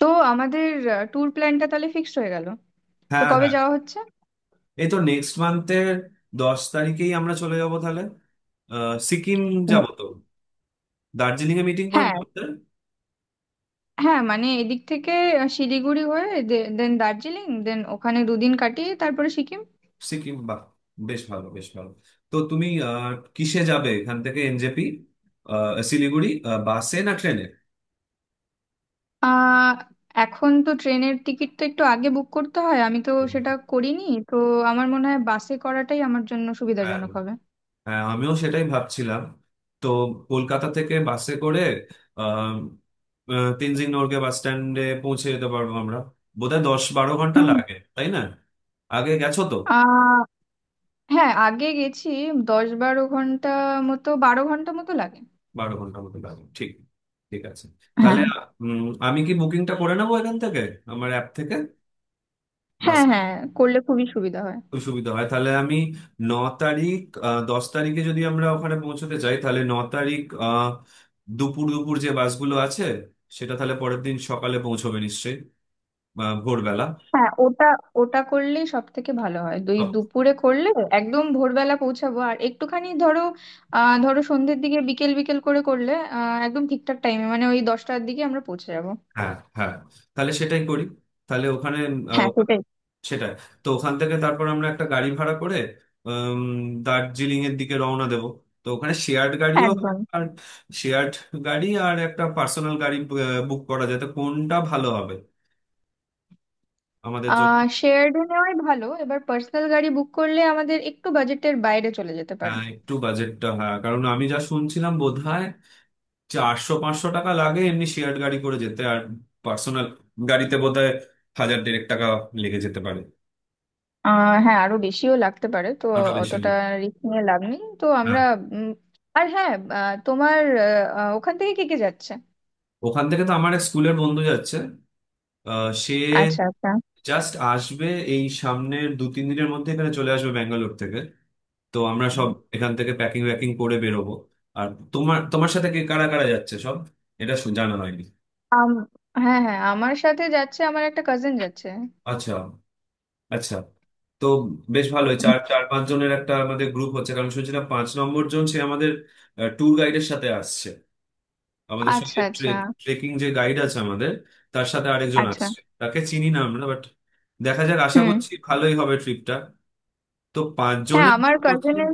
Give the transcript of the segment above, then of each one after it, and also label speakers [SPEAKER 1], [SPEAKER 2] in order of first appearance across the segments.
[SPEAKER 1] তো আমাদের ট্যুর প্ল্যানটা তাহলে ফিক্সড হয়ে গেল। তো
[SPEAKER 2] হ্যাঁ,
[SPEAKER 1] কবে
[SPEAKER 2] হ্যাঁ।
[SPEAKER 1] যাওয়া হচ্ছে?
[SPEAKER 2] এই তো নেক্সট মান্থের 10 তারিখেই আমরা চলে যাব, তাহলে সিকিম।
[SPEAKER 1] ম-
[SPEAKER 2] যাব তো, দার্জিলিং এ মিটিং পয়েন্ট
[SPEAKER 1] হ্যাঁ
[SPEAKER 2] করতে।
[SPEAKER 1] হ্যাঁ, মানে এদিক থেকে শিলিগুড়ি হয়ে দেন দার্জিলিং দেন ওখানে দুদিন কাটিয়ে তারপরে সিকিম।
[SPEAKER 2] সিকিম, বাহ। বেশ ভালো, বেশ ভালো। তো তুমি কিসে যাবে এখান থেকে? এনজেপি শিলিগুড়ি, বাসে না ট্রেনে?
[SPEAKER 1] আহ এখন তো ট্রেনের টিকিটটা একটু আগে বুক করতে হয়, আমি তো সেটা করিনি। তো আমার মনে হয় বাসে করাটাই আমার জন্য
[SPEAKER 2] হ্যাঁ,
[SPEAKER 1] সুবিধাজনক হবে।
[SPEAKER 2] হ্যাঁ, আমিও সেটাই ভাবছিলাম। তো কলকাতা থেকে বাসে করে আম, তেনজিং নোরকে বাস স্ট্যান্ডে পৌঁছে যেতে পারবো আমরা। বোধহয় 10-12 ঘন্টা
[SPEAKER 1] হুম।
[SPEAKER 2] লাগে, তাই না? আগে গেছো তো।
[SPEAKER 1] আহ হ্যাঁ, আগে গেছি। 10-12 ঘন্টা মতো, 12 ঘন্টা মতো লাগে।
[SPEAKER 2] 12 ঘন্টার মতো লাগবে, ঠিক। ঠিক আছে তাহলে।
[SPEAKER 1] হ্যাঁ
[SPEAKER 2] উম, আমি কি বুকিংটা করে নেবো এখান থেকে, আমার অ্যাপ থেকে,
[SPEAKER 1] হ্যাঁ
[SPEAKER 2] বাস?
[SPEAKER 1] হ্যাঁ, করলে খুবই সুবিধা হয়।
[SPEAKER 2] খুব সুবিধা হয়, তাহলে আমি 9 তারিখ, 10 তারিখে যদি আমরা ওখানে পৌঁছতে চাই তাহলে 9 তারিখ, দুপুর দুপুর যে বাসগুলো আছে সেটা, তাহলে পরের দিন সকালে পৌঁছবে নিশ্চয়ই, বা ভোরবেলা।
[SPEAKER 1] হ্যাঁ ওটা, ওটা করলেই সব থেকে ভালো হয়, দুই দুপুরে করলে একদম ভোরবেলা পৌঁছাবো আর একটুখানি ধরো ধরো সন্ধ্যের দিকে, বিকেল বিকেল করে করলে একদম ঠিকঠাক টাইমে মানে ওই 10টার দিকে আমরা পৌঁছে যাবো।
[SPEAKER 2] হ্যাঁ, হ্যাঁ, তাহলে সেটাই করি। তাহলে ওখানে
[SPEAKER 1] হ্যাঁ সেটাই।
[SPEAKER 2] সেটাই। তো ওখান থেকে তারপর আমরা একটা গাড়ি ভাড়া করে দার্জিলিং এর দিকে রওনা দেব। তো ওখানে শেয়ার্ড গাড়িও হয়,
[SPEAKER 1] একদম।
[SPEAKER 2] আর শেয়ার্ড গাড়ি, আর একটা পার্সোনাল গাড়ি বুক করা যায়, তো কোনটা ভালো হবে আমাদের জন্য?
[SPEAKER 1] শেয়ার্ড নেওয়াই ভালো, এবার পার্সোনাল গাড়ি বুক করলে আমাদের একটু বাজেটের বাইরে চলে যেতে পারে।
[SPEAKER 2] হ্যাঁ, একটু বাজেটটা, হ্যাঁ, কারণ আমি যা শুনছিলাম বোধহয় 400-500 টাকা লাগে এমনি শেয়ার্ড গাড়ি করে যেতে, আর পার্সোনাল গাড়িতে বোধহয় হাজার দেড়েক টাকা লেগে যেতে পারে।
[SPEAKER 1] হ্যাঁ, আরো বেশিও লাগতে পারে তো।
[SPEAKER 2] আরো বেশি হলে।
[SPEAKER 1] অতটা রিস্ক নিয়ে লাভ নেই তো আমরা।
[SPEAKER 2] হ্যাঁ।
[SPEAKER 1] উম, আর হ্যাঁ, আহ, তোমার আহ, আহ, ওখান থেকে কে কে যাচ্ছে?
[SPEAKER 2] ওখান থেকে তো আমার এক স্কুলের বন্ধু যাচ্ছে। সে
[SPEAKER 1] আচ্ছা আচ্ছা।
[SPEAKER 2] জাস্ট আসবে এই সামনের 2-3 দিনের মধ্যে, এখানে চলে আসবে ব্যাঙ্গালোর থেকে। তো আমরা সব এখান থেকে প্যাকিং প্যাকিং করে বেরোবো। আর তোমার, সাথে কে কারা কারা যাচ্ছে সব, এটা জানা হয়নি।
[SPEAKER 1] আম হ্যাঁ হ্যাঁ, আমার সাথে যাচ্ছে, আমার একটা কাজিন যাচ্ছে।
[SPEAKER 2] আচ্ছা, আচ্ছা। তো বেশ ভালোই চার, চার পাঁচ জনের একটা আমাদের গ্রুপ হচ্ছে, কারণ শুনছিলাম 5 নম্বর জন সে আমাদের ট্যুর গাইডের সাথে আসছে আমাদের
[SPEAKER 1] আচ্ছা
[SPEAKER 2] সঙ্গে।
[SPEAKER 1] আচ্ছা
[SPEAKER 2] ট্রেকিং যে গাইড আছে আমাদের, তার সাথে আরেকজন
[SPEAKER 1] আচ্ছা।
[SPEAKER 2] আসছে, তাকে চিনি না আমরা, বাট দেখা যাক, আশা
[SPEAKER 1] হুম।
[SPEAKER 2] করছি ভালোই হবে ট্রিপটা। তো
[SPEAKER 1] হ্যাঁ
[SPEAKER 2] 5 জনের
[SPEAKER 1] আমার
[SPEAKER 2] করছি।
[SPEAKER 1] কাজিনের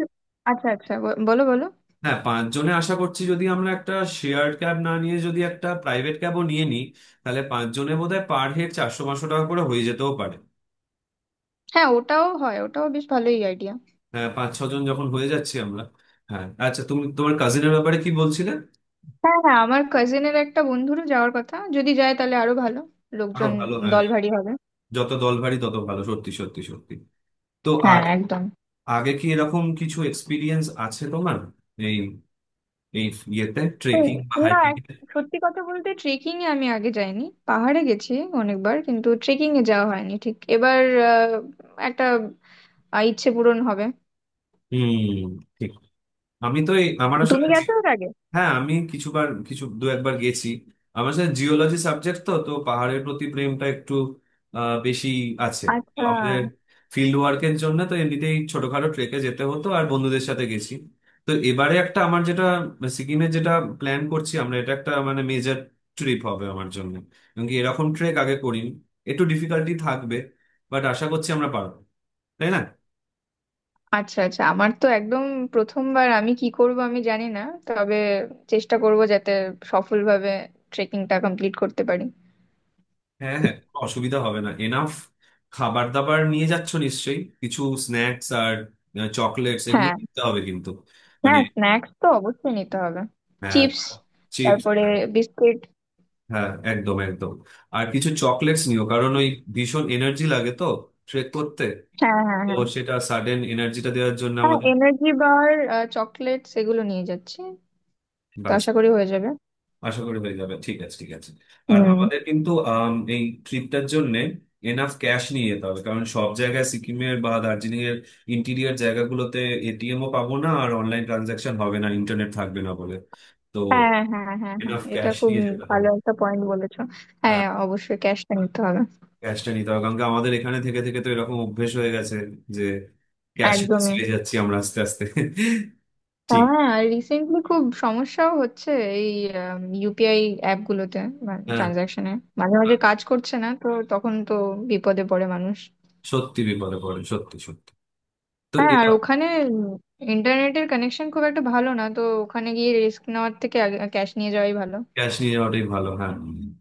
[SPEAKER 1] আচ্ছা আচ্ছা বলো বলো।
[SPEAKER 2] হ্যাঁ, 5 জনে আশা করছি যদি আমরা একটা শেয়ার্ড ক্যাব না নিয়ে যদি একটা প্রাইভেট ক্যাবও নিয়ে নিই, তাহলে 5 জনে বোধহয় পার হেড 400-500 টাকা করে হয়ে যেতেও পারে।
[SPEAKER 1] হ্যাঁ ওটাও হয়, ওটাও বেশ ভালোই আইডিয়া।
[SPEAKER 2] হ্যাঁ, 5-6 জন যখন হয়ে যাচ্ছি আমরা। হ্যাঁ, আচ্ছা, তুমি তোমার কাজিনের ব্যাপারে কি বলছিলে?
[SPEAKER 1] হ্যাঁ হ্যাঁ, আমার কাজিনের একটা বন্ধুরও যাওয়ার কথা, যদি যায় তাহলে আরো ভালো,
[SPEAKER 2] আরো
[SPEAKER 1] লোকজন
[SPEAKER 2] ভালো, হ্যাঁ।
[SPEAKER 1] দল ভারী হবে।
[SPEAKER 2] যত দল ভারী তত ভালো, সত্যি সত্যি সত্যি। তো
[SPEAKER 1] হ্যাঁ
[SPEAKER 2] আগে,
[SPEAKER 1] একদম।
[SPEAKER 2] আগে কি এরকম কিছু এক্সপিরিয়েন্স আছে তোমার, এই এই ইয়েতে,
[SPEAKER 1] হুম।
[SPEAKER 2] ট্রেকিং বা
[SPEAKER 1] না
[SPEAKER 2] হাইকিং?
[SPEAKER 1] এক- সত্যি কথা বলতে ট্রেকিং এ আমি আগে যাইনি। পাহাড়ে গেছি অনেকবার, কিন্তু ট্রেকিং এ যাওয়া হয়নি ঠিক। এবার আহ, একটা ইচ্ছে পূরণ হবে।
[SPEAKER 2] হুম। ঠিক। আমি তো এই আমার
[SPEAKER 1] তুমি
[SPEAKER 2] আসলে,
[SPEAKER 1] গেছো এর আগে?
[SPEAKER 2] হ্যাঁ আমি কিছু দু একবার গেছি। আমার সাথে জিওলজি সাবজেক্ট, তো তো পাহাড়ের প্রতি প্রেমটা একটু বেশি আছে। তো
[SPEAKER 1] আচ্ছা
[SPEAKER 2] আমাদের ফিল্ড ওয়ার্কের জন্য তো এমনিতেই ছোটখাটো ট্রেকে যেতে হতো, আর বন্ধুদের সাথে গেছি। তো এবারে একটা আমার যেটা সিকিমে যেটা প্ল্যান করছি আমরা, এটা একটা মানে মেজর ট্রিপ হবে আমার জন্য, এবং কি এরকম ট্রেক আগে করিনি, একটু ডিফিকাল্টি থাকবে, বাট আশা করছি আমরা পারবো। তাই না?
[SPEAKER 1] আচ্ছা। আচ্ছা, আমার তো একদম প্রথমবার, আমি কি করব আমি জানি না, তবে চেষ্টা করব যাতে সফলভাবে ট্রেকিংটা কমপ্লিট করতে পারি।
[SPEAKER 2] হ্যাঁ, হ্যাঁ, কোনো অসুবিধা হবে না এনাফ। খাবার দাবার নিয়ে যাচ্ছ নিশ্চয়ই, কিছু স্ন্যাক্স আর চকলেটস এগুলো
[SPEAKER 1] হ্যাঁ
[SPEAKER 2] কিনতে হবে কিন্তু। মানে,
[SPEAKER 1] হ্যাঁ, স্ন্যাক্স তো অবশ্যই নিতে হবে।
[SPEAKER 2] হ্যাঁ।
[SPEAKER 1] Chips,
[SPEAKER 2] chips.
[SPEAKER 1] তারপরে বিস্কিট।
[SPEAKER 2] হ্যাঁ, একদম একদম। আর কিছু চকলেটস নিও কারণ ওই ভীষণ এনার্জি লাগে তো ট্রেক করতে।
[SPEAKER 1] হ্যাঁ হ্যাঁ
[SPEAKER 2] তো
[SPEAKER 1] হ্যাঁ
[SPEAKER 2] সেটা সাডেন এনার্জিটা দেওয়ার জন্য
[SPEAKER 1] হ্যাঁ,
[SPEAKER 2] আমাদের।
[SPEAKER 1] এনার্জি বার, চকলেটস এগুলো নিয়ে যাচ্ছি। তো
[SPEAKER 2] ব্যাস।
[SPEAKER 1] আশা করি হয়ে যাবে।
[SPEAKER 2] আশা করি হয়ে যাবে, ঠিক আছে, ঠিক আছে। আর
[SPEAKER 1] হুম।
[SPEAKER 2] আমাদের কিন্তু এই ট্রিপটার জন্য এনাফ ক্যাশ নিয়ে যেতে হবে, কারণ সব জায়গায় সিকিমের বা দার্জিলিং এর ইন্টিরিয়ার জায়গাগুলোতে এটিএমও পাবো না, আর অনলাইন ট্রানজাকশন হবে না, ইন্টারনেট থাকবে না বলে। তো
[SPEAKER 1] হ্যাঁ হ্যাঁ হ্যাঁ হ্যাঁ,
[SPEAKER 2] এনাফ
[SPEAKER 1] এটা
[SPEAKER 2] ক্যাশ
[SPEAKER 1] খুব
[SPEAKER 2] নিয়ে যেতে
[SPEAKER 1] ভালো
[SPEAKER 2] হবে।
[SPEAKER 1] একটা পয়েন্ট বলেছো।
[SPEAKER 2] হ্যাঁ,
[SPEAKER 1] হ্যাঁ অবশ্যই ক্যাশটা নিতে হবে।
[SPEAKER 2] ক্যাশটা নিতে হবে, কারণ কি আমাদের এখানে থেকে থেকে তো এরকম অভ্যেস হয়ে গেছে যে ক্যাশ
[SPEAKER 1] একদমই।
[SPEAKER 2] চলে যাচ্ছি আমরা আস্তে আস্তে। ঠিক।
[SPEAKER 1] হ্যাঁ, রিসেন্টলি খুব সমস্যাও হচ্ছে এই ইউপিআই অ্যাপ গুলোতে,
[SPEAKER 2] হ্যাঁ।
[SPEAKER 1] ট্রানজাকশনে মাঝে মাঝে কাজ করছে না, তো তখন তো বিপদে পড়ে মানুষ।
[SPEAKER 2] সত্যি বিপদে পড়ে, সত্যি সত্যি। তো
[SPEAKER 1] হ্যাঁ, আর
[SPEAKER 2] এরকম
[SPEAKER 1] ওখানে ইন্টারনেটের কানেকশন খুব একটা ভালো না, তো ওখানে গিয়ে রিস্ক নেওয়ার থেকে ক্যাশ নিয়ে যাওয়াই ভালো।
[SPEAKER 2] ক্যাশ নিয়ে যাওয়াটাই ভালো, হ্যাঁ।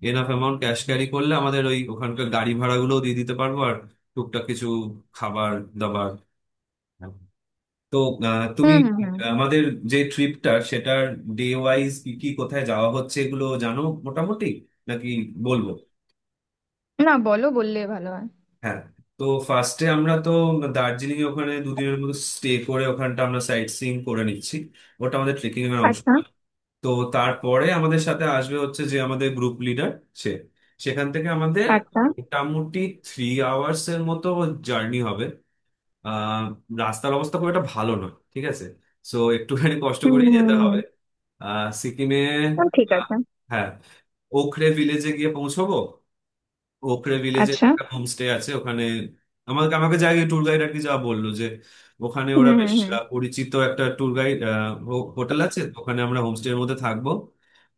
[SPEAKER 2] এনাফ অ্যামাউন্ট ক্যাশ ক্যারি করলে আমাদের ওই ওখানকার গাড়ি ভাড়াগুলোও দিয়ে দিতে পারবো, আর টুকটাক কিছু খাবার দাবার। হ্যাঁ। তো তুমি
[SPEAKER 1] হুম হুম হুম।
[SPEAKER 2] আমাদের যে ট্রিপটার সেটার ডে ওয়াইজ কি কি কোথায় যাওয়া হচ্ছে এগুলো জানো মোটামুটি, নাকি বলবো?
[SPEAKER 1] না বলো, বললে ভালো হয়।
[SPEAKER 2] হ্যাঁ। তো ফার্স্টে আমরা তো দার্জিলিং এ ওখানে 2 দিনের মতো স্টে করে ওখানটা আমরা সাইট সিইং করে নিচ্ছি। ওটা আমাদের ট্রেকিং এর অংশ
[SPEAKER 1] আচ্ছা
[SPEAKER 2] না। তো তারপরে আমাদের সাথে আসবে হচ্ছে যে আমাদের গ্রুপ লিডার সে, সেখান থেকে আমাদের
[SPEAKER 1] আচ্ছা।
[SPEAKER 2] মোটামুটি 3 আওয়ার্স এর মতো জার্নি হবে। আহ, রাস্তার অবস্থা খুব একটা ভালো নয়, ঠিক আছে, সো একটুখানি কষ্ট
[SPEAKER 1] হুম
[SPEAKER 2] করে
[SPEAKER 1] হুম
[SPEAKER 2] যেতে
[SPEAKER 1] হুম।
[SPEAKER 2] হবে। আহ সিকিমে।
[SPEAKER 1] ও, ঠিক
[SPEAKER 2] আহ,
[SPEAKER 1] আছে।
[SPEAKER 2] হ্যাঁ, ওখরে ভিলেজে গিয়ে পৌঁছবো। ওখরে ভিলেজে
[SPEAKER 1] আচ্ছা।
[SPEAKER 2] একটা হোমস্টে আছে ওখানে। আমাকে আমাকে যাই ট্যুর গাইড আর কি যা বললো যে ওখানে
[SPEAKER 1] হুম
[SPEAKER 2] ওরা বেশ
[SPEAKER 1] হুম হুম।
[SPEAKER 2] পরিচিত একটা ট্যুর গাইড হোটেল আছে, তো ওখানে আমরা হোমস্টের মধ্যে থাকবো।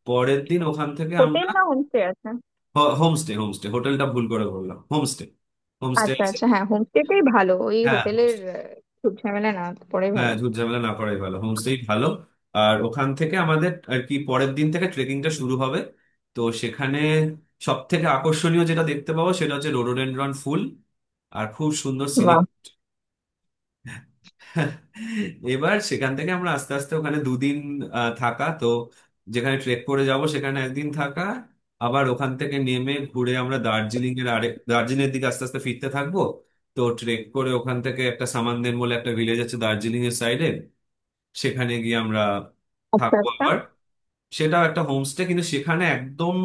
[SPEAKER 2] পরের দিন ওখান থেকে আমরা
[SPEAKER 1] হোটেল না হোমস্টে আছে?
[SPEAKER 2] হোমস্টে, হোমস্টে, হোটেলটা ভুল করে বললাম, হোমস্টে, হোমস্টে
[SPEAKER 1] আচ্ছা
[SPEAKER 2] আছে।
[SPEAKER 1] আচ্ছা, হ্যাঁ হোমস্টেটাই ভালো, ওই
[SPEAKER 2] হ্যাঁ
[SPEAKER 1] হোটেলের
[SPEAKER 2] হোমস্টে।
[SPEAKER 1] খুব ঝামেলা, না পড়ে
[SPEAKER 2] হ্যাঁ,
[SPEAKER 1] ভালো।
[SPEAKER 2] ঝুট ঝামেলা না করাই ভালো, হোমস্টেই ভালো। আর ওখান থেকে আমাদের আর কি পরের দিন থেকে ট্রেকিংটা শুরু হবে। তো সেখানে সব থেকে আকর্ষণীয় যেটা দেখতে পাবো সেটা হচ্ছে রোডোডেনড্রন ফুল, আর খুব সুন্দর সিনিক। এবার সেখান থেকে আমরা আস্তে আস্তে ওখানে 2 দিন থাকা, তো যেখানে ট্রেক করে যাব সেখানে 1 দিন থাকা। আবার ওখান থেকে নেমে ঘুরে আমরা দার্জিলিং এর দিকে আস্তে আস্তে ফিরতে থাকবো। তো ট্রেক করে ওখান থেকে একটা সামানদেন বলে একটা ভিলেজ আছে দার্জিলিং এর সাইডে, সেখানে গিয়ে আমরা
[SPEAKER 1] আচ্ছা
[SPEAKER 2] থাকবো
[SPEAKER 1] আচ্ছা।
[SPEAKER 2] আবার। সেটাও একটা হোমস্টে, কিন্তু সেখানে একদম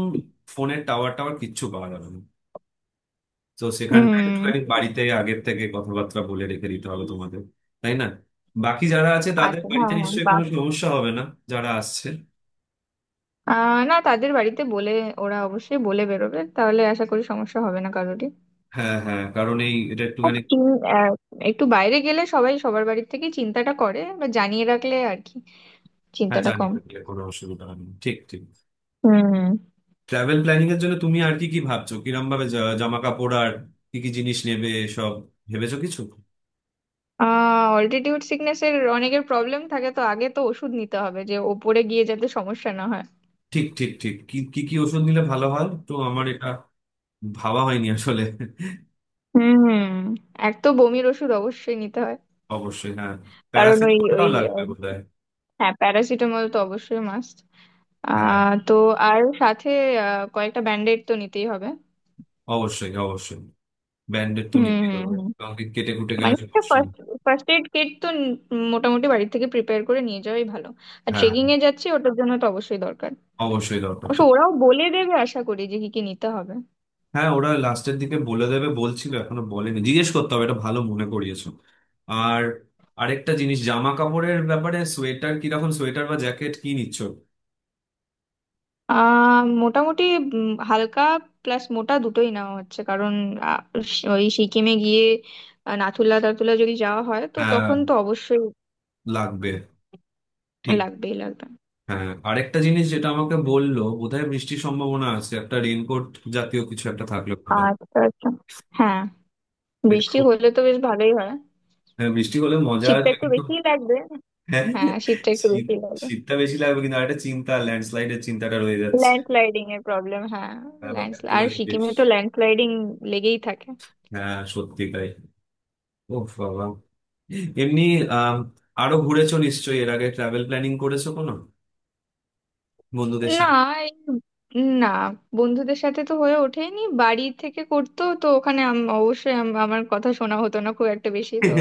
[SPEAKER 2] ফোনের টাওয়ার টাওয়ার কিচ্ছু পাওয়া যাবে না। তো সেখানটা
[SPEAKER 1] হুম।
[SPEAKER 2] একটুখানি বাড়িতে আগের থেকে কথাবার্তা বলে রেখে দিতে হবে তোমাদের, তাই না? বাকি যারা আছে তাদের
[SPEAKER 1] আচ্ছা হ্যাঁ
[SPEAKER 2] বাড়িতে
[SPEAKER 1] হ্যাঁ,
[SPEAKER 2] নিশ্চয়ই
[SPEAKER 1] বাহ।
[SPEAKER 2] কোনো সমস্যা হবে না, যারা আসছে।
[SPEAKER 1] না তাদের বাড়িতে বলে, ওরা অবশ্যই বলে বেরোবে তাহলে, আশা করি সমস্যা হবে না কারোরই।
[SPEAKER 2] হ্যাঁ, হ্যাঁ, কারণ এই এটা
[SPEAKER 1] আর
[SPEAKER 2] একটুখানি।
[SPEAKER 1] চিন- আহ, একটু বাইরে গেলে সবাই সবার বাড়ির থেকে চিন্তাটা করে, বা জানিয়ে রাখলে আর কি
[SPEAKER 2] হ্যাঁ,
[SPEAKER 1] চিন্তাটা
[SPEAKER 2] জানিয়ে
[SPEAKER 1] কম।
[SPEAKER 2] রাখলে কোনো অসুবিধা হবে না, ঠিক ঠিক।
[SPEAKER 1] হুম।
[SPEAKER 2] ট্রাভেল প্ল্যানিং এর জন্য তুমি আর কি কি ভাবছো, কিরম ভাবে, জামা কাপড় আর কি কি জিনিস নেবে সব ভেবেছো কিছু?
[SPEAKER 1] অল্টিটিউড সিকনেস এর অনেকের প্রবলেম থাকে, তো আগে তো ওষুধ নিতে হবে যে ওপরে গিয়ে যাতে সমস্যা না হয়।
[SPEAKER 2] ঠিক ঠিক ঠিক, কি কি কি ওষুধ নিলে ভালো হয় তো, আমার এটা ভাবা হয়নি আসলে।
[SPEAKER 1] হুম। এক তো বমির ওষুধ অবশ্যই নিতে হয়।
[SPEAKER 2] অবশ্যই, হ্যাঁ।
[SPEAKER 1] কারণ ওই
[SPEAKER 2] প্যারাসিটামলটাও
[SPEAKER 1] ওই
[SPEAKER 2] লাগবে
[SPEAKER 1] আহ,
[SPEAKER 2] বোধহয়।
[SPEAKER 1] হ্যাঁ প্যারাসিটামল তো অবশ্যই মাস্ট।
[SPEAKER 2] হ্যাঁ,
[SPEAKER 1] তো আর সাথে কয়েকটা ব্যান্ডেড তো নিতেই হবে।
[SPEAKER 2] অবশ্যই অবশ্যই, ব্যান্ডেড তো
[SPEAKER 1] হুম
[SPEAKER 2] নিতেই
[SPEAKER 1] হুম
[SPEAKER 2] হবে,
[SPEAKER 1] হুম।
[SPEAKER 2] কাউকে কেটে কুটে গেলে
[SPEAKER 1] মানে
[SPEAKER 2] সমস্যা
[SPEAKER 1] ফার্স্ট
[SPEAKER 2] নেই।
[SPEAKER 1] ফার্স্ট এড কিট তো মোটামুটি বাড়ি থেকে প্রিপেয়ার করে নিয়ে যাওয়াই ভালো। আর
[SPEAKER 2] হ্যাঁ,
[SPEAKER 1] ট্রেকিং এ যাচ্ছি, ওটার জন্য তো অবশ্যই দরকার।
[SPEAKER 2] অবশ্যই দরকার
[SPEAKER 1] অবশ্য
[SPEAKER 2] ছিল।
[SPEAKER 1] ওরাও বলে দেবে আশা করি যে কি কি নিতে হবে।
[SPEAKER 2] হ্যাঁ, ওরা লাস্টের দিকে বলে দেবে বলছিল, এখনো বলেনি, জিজ্ঞেস করতে হবে। এটা ভালো মনে করিয়েছো। আর আরেকটা জিনিস জামা কাপড়ের ব্যাপারে, সোয়েটার কিরকম, সোয়েটার বা জ্যাকেট কি নিচ্ছ?
[SPEAKER 1] মোটামুটি হালকা প্লাস মোটা দুটোই নেওয়া হচ্ছে, কারণ আহ, ওই সিকিমে গিয়ে নাথুলা টাথুলা যদি যাওয়া হয় তো
[SPEAKER 2] হ্যাঁ,
[SPEAKER 1] তখন তো অবশ্যই
[SPEAKER 2] লাগবে, ঠিক।
[SPEAKER 1] লাগবেই লাগবে।
[SPEAKER 2] হ্যাঁ, আরেকটা জিনিস যেটা আমাকে বললো বোধহয় বৃষ্টির সম্ভাবনা আছে, একটা রেইনকোট জাতীয় কিছু একটা থাকলে ভালো হয়।
[SPEAKER 1] আচ্ছা আচ্ছা। হ্যাঁ
[SPEAKER 2] এটা
[SPEAKER 1] বৃষ্টি
[SPEAKER 2] খুব,
[SPEAKER 1] হলে তো বেশ ভালোই হয়।
[SPEAKER 2] হ্যাঁ, বৃষ্টি হলে মজা
[SPEAKER 1] শীতটা
[SPEAKER 2] আসবে
[SPEAKER 1] একটু
[SPEAKER 2] কিন্তু।
[SPEAKER 1] বেশিই লাগবে।
[SPEAKER 2] হ্যাঁ
[SPEAKER 1] হ্যাঁ শীতটা একটু
[SPEAKER 2] শীত,
[SPEAKER 1] বেশি লাগবে।
[SPEAKER 2] শীতটা বেশি লাগবে, কিন্তু আরেকটা চিন্তা, ল্যান্ডস্লাইডের চিন্তাটা রয়ে যাচ্ছে,
[SPEAKER 1] ল্যান্ডস্লাইডিং এর প্রবলেম, হ্যাঁ।
[SPEAKER 2] আর
[SPEAKER 1] ল্যান্ড, আর
[SPEAKER 2] একটুখানি, বেশ।
[SPEAKER 1] সিকিমে তো ল্যান্ডস্লাইডিং লেগেই থাকে।
[SPEAKER 2] হ্যাঁ, সত্যি তাই। ওহ বাবা। এমনি, আম, আরো ঘুরেছো নিশ্চয়ই এর আগে, ট্রাভেল প্ল্যানিং করেছো কোনো বন্ধুদের
[SPEAKER 1] না
[SPEAKER 2] সাথে?
[SPEAKER 1] এই- না, বন্ধুদের সাথে তো হয়ে ওঠেনি, বাড়ি থেকে করতো তো ওখানে অবশ্যই আমার কথা শোনা হতো না খুব একটা বেশি, তো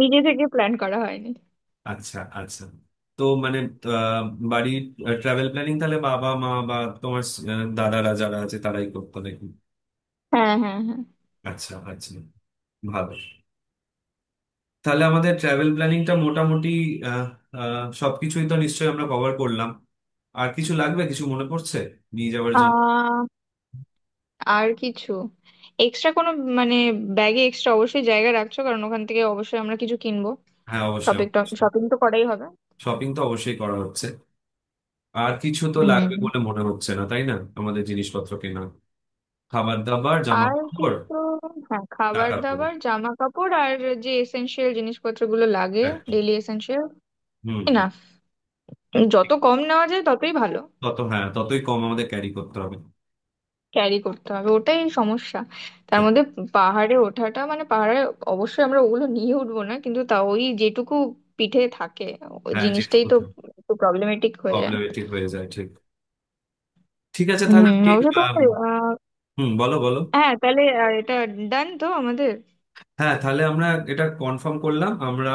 [SPEAKER 1] নিজে থেকে প্ল্যান করা হয়নি।
[SPEAKER 2] আচ্ছা, আচ্ছা। তো মানে, আহ, বাড়ির ট্রাভেল প্ল্যানিং তাহলে বাবা মা বা তোমার দাদারা যারা আছে তারাই করতো নাকি?
[SPEAKER 1] হ্যাঁ হ্যাঁ হ্যাঁ।
[SPEAKER 2] আচ্ছা আচ্ছা, ভালো। তাহলে আমাদের ট্রাভেল প্ল্যানিংটা মোটামুটি আহ, সবকিছুই তো নিশ্চয়ই আমরা কভার করলাম। আর কিছু লাগবে, কিছু মনে পড়ছে নিয়ে যাওয়ার জন্য?
[SPEAKER 1] আহ, আর কিছু এক্সট্রা কোনো, মানে ব্যাগে এক্সট্রা অবশ্যই জায়গা রাখছো, কারণ ওখান থেকে অবশ্যই আমরা কিছু কিনবো।
[SPEAKER 2] হ্যাঁ, অবশ্যই।
[SPEAKER 1] শপিং, শপিং তো করাই হবে।
[SPEAKER 2] শপিং তো অবশ্যই করা হচ্ছে। আর কিছু তো লাগবে
[SPEAKER 1] হুম।
[SPEAKER 2] বলে মনে হচ্ছে না, তাই না? আমাদের জিনিসপত্র কেনা, খাবার দাবার, জামা
[SPEAKER 1] আর
[SPEAKER 2] কাপড়,
[SPEAKER 1] কিন্তু হ্যাঁ, খাবার
[SPEAKER 2] টাকা খরচ,
[SPEAKER 1] দাবার, জামা কাপড় আর যে এসেনশিয়াল জিনিসপত্রগুলো লাগে,
[SPEAKER 2] হ্যাঁ।
[SPEAKER 1] Daily essential.
[SPEAKER 2] হুম
[SPEAKER 1] না,
[SPEAKER 2] হুম।
[SPEAKER 1] যত
[SPEAKER 2] ঠিক।
[SPEAKER 1] কম নেওয়া যায় ততই ভালো।
[SPEAKER 2] তত, হ্যাঁ, ততই কম আমাদের ক্যারি করতে হবে।
[SPEAKER 1] ক্যারি করতে হবে ওটাই সমস্যা, তার
[SPEAKER 2] ঠিক।
[SPEAKER 1] মধ্যে পাহাড়ে ওঠাটা, মানে পাহাড়ে অবশ্যই আমরা ওগুলো নিয়ে উঠবো না, কিন্তু তা ওই যেটুকু পিঠে থাকে ওই
[SPEAKER 2] হ্যাঁ,
[SPEAKER 1] জিনিসটাই
[SPEAKER 2] যেটুকু।
[SPEAKER 1] তো একটু প্রবলেমেটিক হয়ে যায়।
[SPEAKER 2] প্রবলেমেটিক হয়ে যায়, ঠিক। ঠিক আছে তাহলে
[SPEAKER 1] হুম,
[SPEAKER 2] আপনি,
[SPEAKER 1] অবশ্য
[SPEAKER 2] আম,
[SPEAKER 1] তোমার
[SPEAKER 2] হুম, বলো বলো।
[SPEAKER 1] হ্যাঁ তাহলে এটা ডান তো আমাদের।
[SPEAKER 2] হ্যাঁ, তাহলে আমরা এটা কনফার্ম করলাম আমরা।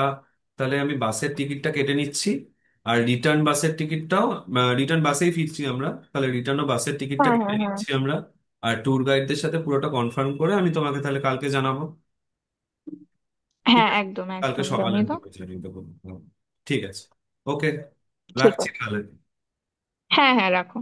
[SPEAKER 2] তাহলে আমি বাসের টিকিটটা কেটে নিচ্ছি, আর রিটার্ন বাসের টিকিটটাও। রিটার্ন বাসেই ফিরছি আমরা, তাহলে রিটার্নও বাসের টিকিটটা
[SPEAKER 1] হ্যাঁ
[SPEAKER 2] কেটে
[SPEAKER 1] হ্যাঁ হ্যাঁ
[SPEAKER 2] নিচ্ছি আমরা। আর ট্যুর গাইডদের সাথে পুরোটা কনফার্ম করে আমি তোমাকে তাহলে কালকে জানাবো। ঠিক
[SPEAKER 1] হ্যাঁ,
[SPEAKER 2] আছে,
[SPEAKER 1] একদম
[SPEAKER 2] কালকে
[SPEAKER 1] একদম
[SPEAKER 2] সকালে
[SPEAKER 1] জানিয়ে
[SPEAKER 2] আমি
[SPEAKER 1] দাও।
[SPEAKER 2] তোকে জানিয়ে দেবো। হুম। ঠিক আছে। ওকে,
[SPEAKER 1] ঠিক
[SPEAKER 2] রাখছি
[SPEAKER 1] আছে।
[SPEAKER 2] তাহলে।
[SPEAKER 1] হ্যাঁ হ্যাঁ, রাখো।